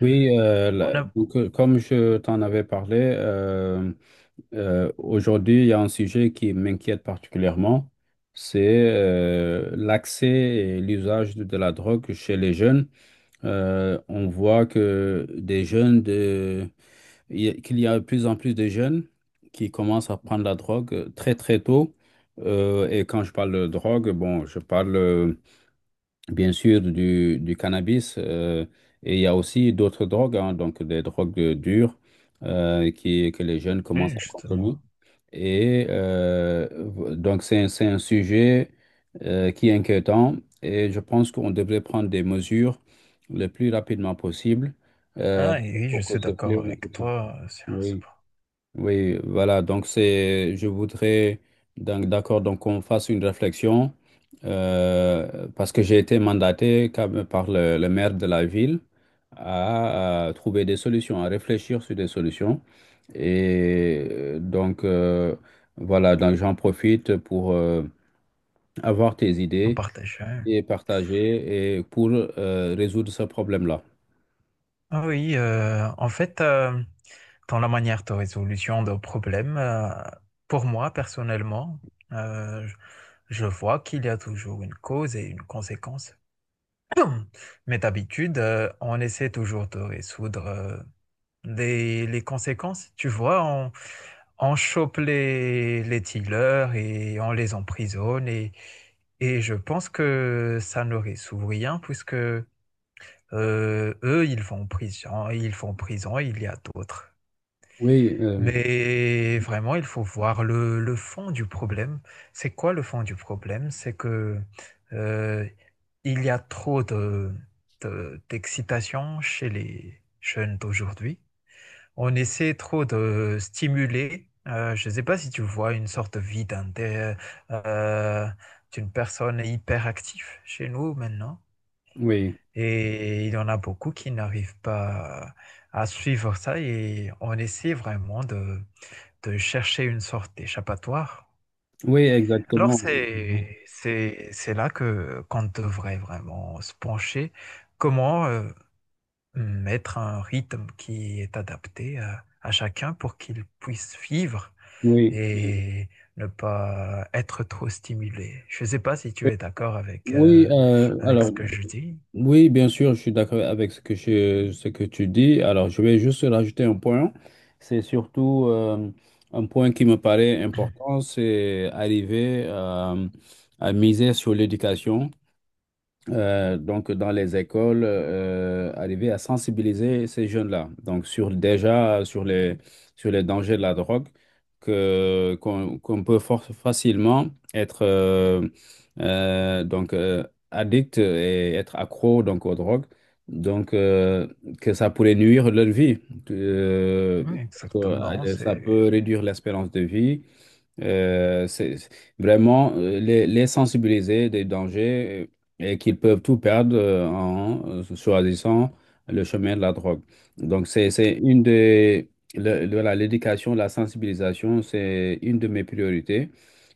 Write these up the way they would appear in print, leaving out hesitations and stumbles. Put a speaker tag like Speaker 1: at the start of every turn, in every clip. Speaker 1: On a...
Speaker 2: Comme je t'en avais parlé, aujourd'hui, il y a un sujet qui m'inquiète particulièrement, c'est l'accès et l'usage de la drogue chez les jeunes. On voit que des jeunes de, qu'il y a de plus en plus de jeunes qui commencent à prendre la drogue très très tôt. Et quand je parle de drogue, bon, je parle bien sûr, du cannabis. Et il y a aussi d'autres drogues, hein, donc des drogues dures que les jeunes commencent
Speaker 1: Oui,
Speaker 2: à consommer.
Speaker 1: justement.
Speaker 2: C'est un sujet qui est inquiétant. Et je pense qu'on devrait prendre des mesures le plus rapidement possible euh,
Speaker 1: Ah, et oui, je
Speaker 2: pour que
Speaker 1: suis
Speaker 2: ce
Speaker 1: d'accord
Speaker 2: fléau ne
Speaker 1: avec
Speaker 2: continue.
Speaker 1: toi. Sur ce
Speaker 2: Oui.
Speaker 1: point.
Speaker 2: Oui, voilà, donc c'est, je voudrais, donc, d'accord, donc qu'on fasse une réflexion, parce que j'ai été mandaté quand même par le maire de la ville à trouver des solutions, à réfléchir sur des solutions. Et euh, donc, euh, voilà, donc j'en profite pour avoir tes
Speaker 1: On
Speaker 2: idées
Speaker 1: partage, hein.
Speaker 2: et partager et pour résoudre ce problème-là.
Speaker 1: Ah oui, euh, en fait, euh, Dans la manière de résolution de problèmes, pour moi, personnellement, euh, je je vois qu'il y a toujours une cause et une conséquence. Mais d'habitude, on essaie toujours de résoudre les conséquences, tu vois, on chope les dealers et on les emprisonne. Et je pense que ça ne résout rien puisque eux, ils vont en prison, ils vont en prison, il y a d'autres.
Speaker 2: Oui, euh,
Speaker 1: Mais vraiment, il faut voir le fond du problème. C'est quoi le fond du problème? C'est que euh, il y a trop d'excitation chez les jeunes d'aujourd'hui. On essaie trop de stimuler, je ne sais pas si tu vois une sorte de vie euh, d'une personne hyperactive chez nous maintenant.
Speaker 2: oui,
Speaker 1: Et il y en a beaucoup qui n'arrivent pas à suivre ça et on essaie vraiment de chercher une sorte d'échappatoire.
Speaker 2: oui,
Speaker 1: Alors
Speaker 2: exactement.
Speaker 1: c'est là que qu'on devrait vraiment se pencher. Comment, mettre un rythme qui est adapté à chacun pour qu'il puisse vivre
Speaker 2: Oui,
Speaker 1: et ne pas être trop stimulé. Je ne sais pas si tu es d'accord avec,
Speaker 2: oui, euh,
Speaker 1: avec ce
Speaker 2: alors.
Speaker 1: que je dis.
Speaker 2: Oui, bien sûr, je suis d'accord avec ce que tu dis. Alors, je vais juste rajouter un point. C'est surtout un point qui me paraît important, c'est arriver à miser sur l'éducation donc dans les écoles, arriver à sensibiliser ces jeunes-là, donc sur les dangers de la drogue, que qu'on qu'on peut facilement être euh, donc euh, addict et être accro donc aux drogues, donc euh, que ça pourrait nuire leur vie, que,
Speaker 1: Oui,
Speaker 2: que
Speaker 1: exactement,
Speaker 2: euh, ça
Speaker 1: c'est.
Speaker 2: peut réduire l'espérance de vie. Euh, c'est c'est- vraiment les sensibiliser des dangers et qu'ils peuvent tout perdre en choisissant le chemin de la drogue. Donc, c'est une des. Le- Voilà, l'éducation, la sensibilisation, c'est une de mes priorités.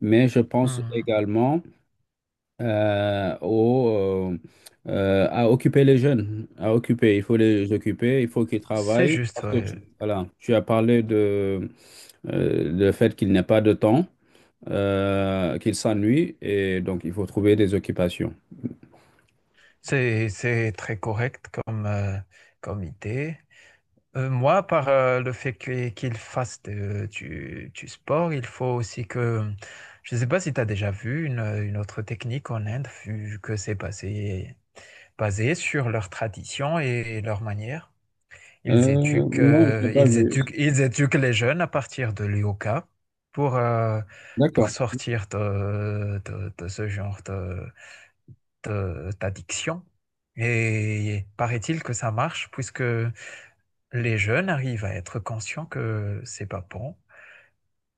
Speaker 2: Mais je pense
Speaker 1: Mhm.
Speaker 2: également euh, au, euh, à occuper les jeunes. À occuper, il faut les occuper, il faut qu'ils
Speaker 1: C'est
Speaker 2: travaillent.
Speaker 1: juste,
Speaker 2: Parce que,
Speaker 1: ouais.
Speaker 2: voilà, tu as parlé de, le fait qu'il n'y a pas de temps qu'il s'ennuie et donc il faut trouver des occupations.
Speaker 1: C'est très correct comme, comme idée. Moi, par le fait que- qu'il fasse de- du sport, il faut aussi que... Je ne sais pas si tu as déjà vu une autre technique en Inde, vu que c'est basé, basé sur leurs traditions et leurs manières. Ils
Speaker 2: Euh,
Speaker 1: éduquent,
Speaker 2: non, je sais pas, mais...
Speaker 1: ils éduquent les jeunes à partir de yoga pour, euh, pour
Speaker 2: D'accord.
Speaker 1: sortir de ce genre d'addiction. Et paraît-il que ça marche, puisque les jeunes arrivent à être conscients que c'est pas bon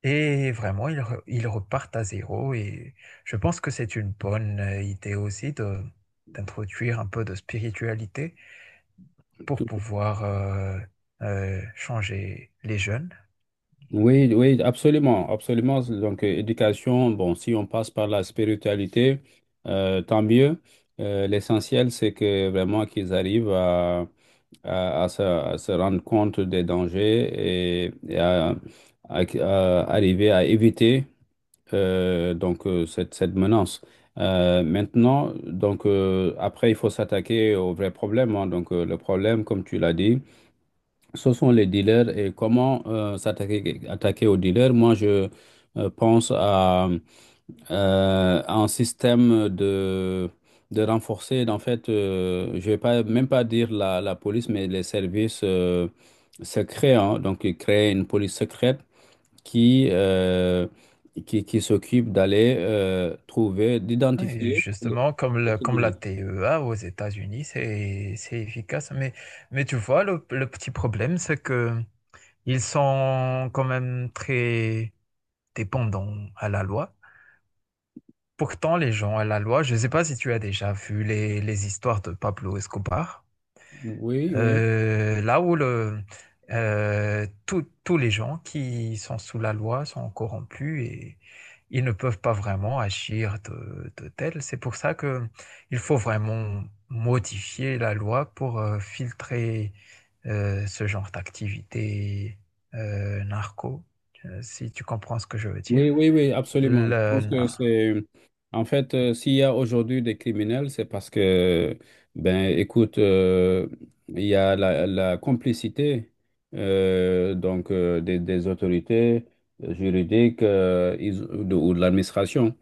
Speaker 1: et vraiment ils repartent à zéro et je pense que c'est une bonne idée aussi de d'introduire un peu de spiritualité pour
Speaker 2: Tout-
Speaker 1: pouvoir changer les jeunes.
Speaker 2: Oui, oui, absolument, absolument. Donc, éducation, bon, si on passe par la spiritualité, tant mieux. L'essentiel, c'est que vraiment qu'ils arrivent à, à se rendre compte des dangers et à arriver à éviter cette menace. Maintenant, après, il faut s'attaquer au vrai problème, hein. Le problème, comme tu l'as dit, ce sont les dealers et comment s'attaquer attaquer aux dealers. Moi, je pense à, un système de renforcer. En fait, je vais pas dire la police, mais les services secrets, hein. Donc, créer une police secrète qui, euh, qui s'occupe d'aller trouver,
Speaker 1: Ouais, et
Speaker 2: d'identifier
Speaker 1: justement,
Speaker 2: les
Speaker 1: comme la
Speaker 2: criminels.
Speaker 1: TEA aux États-Unis, c'est efficace. Mais tu vois, le petit problème, c'est que ils sont quand même très, dépendant à la loi. Pourtant, les gens à la loi, je ne sais pas si tu as déjà vu les histoires de Pablo Escobar,
Speaker 2: Oui, oui,
Speaker 1: là où le, tous tous les gens qui sont sous la loi sont corrompus et ils ne peuvent pas vraiment agir de tel. C'est pour ça que il faut vraiment modifier la loi pour filtrer ce genre d'activité narco, si tu comprends ce que je veux dire.
Speaker 2: oui, absolument. Je pense
Speaker 1: Le-
Speaker 2: que c'est, en fait, s'il y a aujourd'hui des criminels, c'est parce que, ben, écoute, il y a la complicité des autorités juridiques ou de l'administration.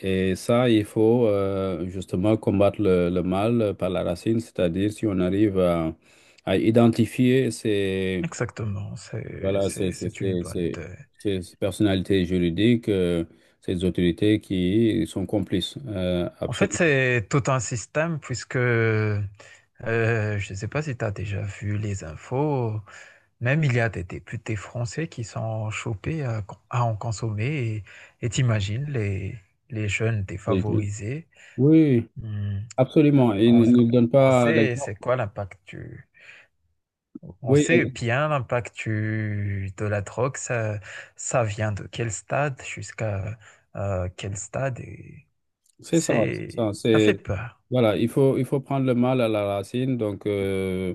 Speaker 2: Et ça, il faut justement combattre le mal par la racine, c'est-à-dire si on arrive à identifier ces,
Speaker 1: exactement,
Speaker 2: voilà,
Speaker 1: c'est une bonne idée.
Speaker 2: ces personnalités juridiques, ces autorités qui sont complices.
Speaker 1: En fait,
Speaker 2: Absolument.
Speaker 1: c'est tout un système puisque je ne sais pas si tu as déjà vu les infos, même il y a des députés français qui sont chopés à en consommer et t'imagines les jeunes défavorisés.
Speaker 2: Oui,
Speaker 1: Hmm.
Speaker 2: absolument. Ils
Speaker 1: On,
Speaker 2: ne Il ne donnent
Speaker 1: on
Speaker 2: pas
Speaker 1: sait c'est
Speaker 2: l'exemple.
Speaker 1: quoi l'impact du... On
Speaker 2: Oui,
Speaker 1: sait bien l'impact du- de la drogue, ça vient de quel stade jusqu'à quel stade et
Speaker 2: c'est ça, c'est
Speaker 1: c'est,
Speaker 2: ça.
Speaker 1: ça fait peur,
Speaker 2: Voilà, il faut prendre le mal à la racine. Donc,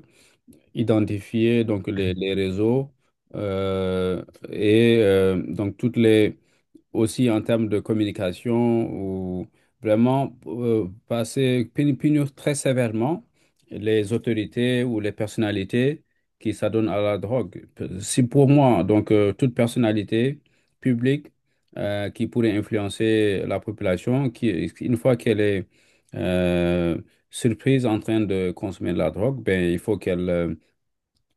Speaker 2: identifier donc les réseaux euh, et donc toutes les aussi en termes de communication ou vraiment passer punir très sévèrement les autorités ou les personnalités qui s'adonnent à la drogue. Si pour moi toute personnalité publique qui pourrait influencer la population qui une fois qu'elle est euh, surprise en train de consommer de la drogue, ben il faut qu'elle euh,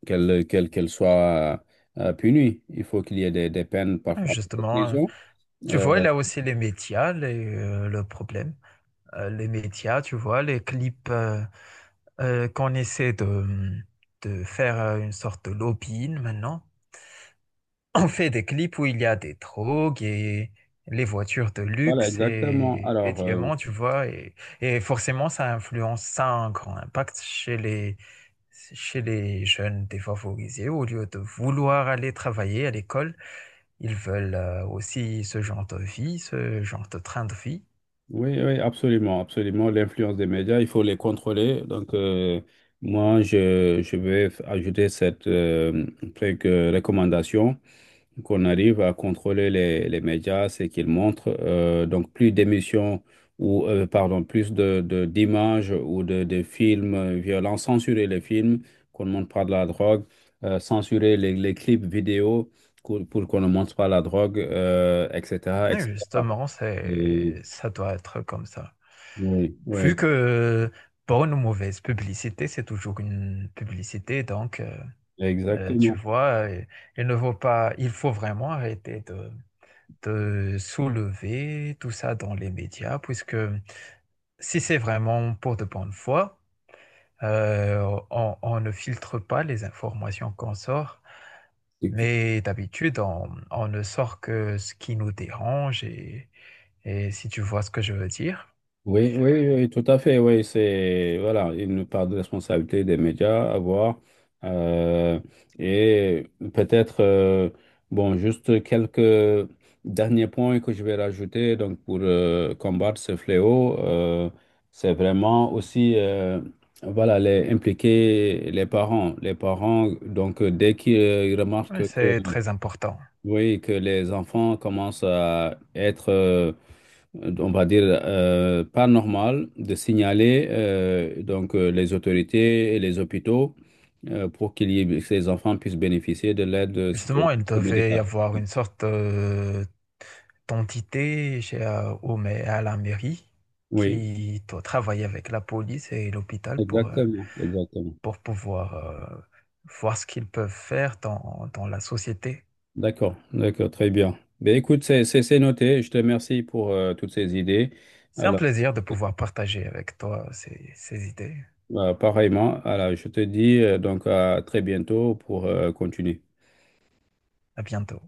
Speaker 2: qu'elle qu'elle qu'elle soit punie. Il faut qu'il y ait des peines
Speaker 1: hein,
Speaker 2: parfois de
Speaker 1: justement, hein.
Speaker 2: prison.
Speaker 1: Tu vois,
Speaker 2: Euh,
Speaker 1: là aussi, les médias, le problème. Les médias, tu vois, les clips qu'on essaie de faire une sorte de lobbying maintenant. On fait des clips où il y a des drogues et les voitures de
Speaker 2: voilà,
Speaker 1: luxe
Speaker 2: exactement.
Speaker 1: et les diamants, tu vois. Et forcément, ça influence, ça a un grand impact chez chez les jeunes défavorisés. Au lieu de vouloir aller travailler à l'école, ils veulent aussi ce genre de vie, ce genre de train de vie.
Speaker 2: Oui, oui, absolument, absolument. L'influence des médias, il faut les contrôler. Donc, moi, je vais ajouter cette recommandation qu'on arrive à contrôler les médias, c'est qu'ils montrent donc plus d'émissions ou pardon, plus d'images ou de films violents, censurer les films, qu'on ne montre pas de la drogue, censurer les clips vidéo pour qu'on ne montre pas la drogue, etc.,
Speaker 1: Et
Speaker 2: etc. Cetera.
Speaker 1: justement,
Speaker 2: Et-
Speaker 1: ça doit être comme ça.
Speaker 2: oui, oui,
Speaker 1: Vu que bonne ou mauvaise publicité, c'est toujours une publicité, donc tu
Speaker 2: exactement.
Speaker 1: vois, il ne faut pas, il faut vraiment arrêter de soulever tout ça dans les médias, puisque si c'est vraiment pour de bonne foi, on ne filtre pas les informations qu'on sort. Mais d'habitude, on ne sort que ce qui nous dérange et si tu vois ce que je veux dire.
Speaker 2: Oui, oui, oui, tout à fait. Oui, c'est voilà une part de responsabilité des médias à voir euh, et peut-être bon juste quelques derniers points que je vais rajouter donc pour combattre ce fléau, c'est vraiment aussi voilà les impliquer les parents donc dès qu'ils
Speaker 1: Oui,
Speaker 2: remarquent que
Speaker 1: c'est très important.
Speaker 2: oui que les enfants commencent à être on va dire, pas normal de signaler les autorités et les hôpitaux pour que ces enfants puissent bénéficier de l'aide
Speaker 1: Justement, il
Speaker 2: psychologique et
Speaker 1: devait y
Speaker 2: médicale.
Speaker 1: avoir une sorte d'entité chez, à la mairie
Speaker 2: Oui,
Speaker 1: qui doit travailler avec la police et l'hôpital
Speaker 2: exactement, exactement.
Speaker 1: pour pouvoir voir ce qu'ils peuvent faire dans, dans la société.
Speaker 2: D'accord, d'accord, très bien. Ben, écoute, c'est noté. Je te remercie pour toutes ces idées.
Speaker 1: C'est un
Speaker 2: Alors,
Speaker 1: plaisir de pouvoir partager avec toi ces idées.
Speaker 2: pareillement, alors, je te dis donc à très bientôt pour continuer.
Speaker 1: À bientôt.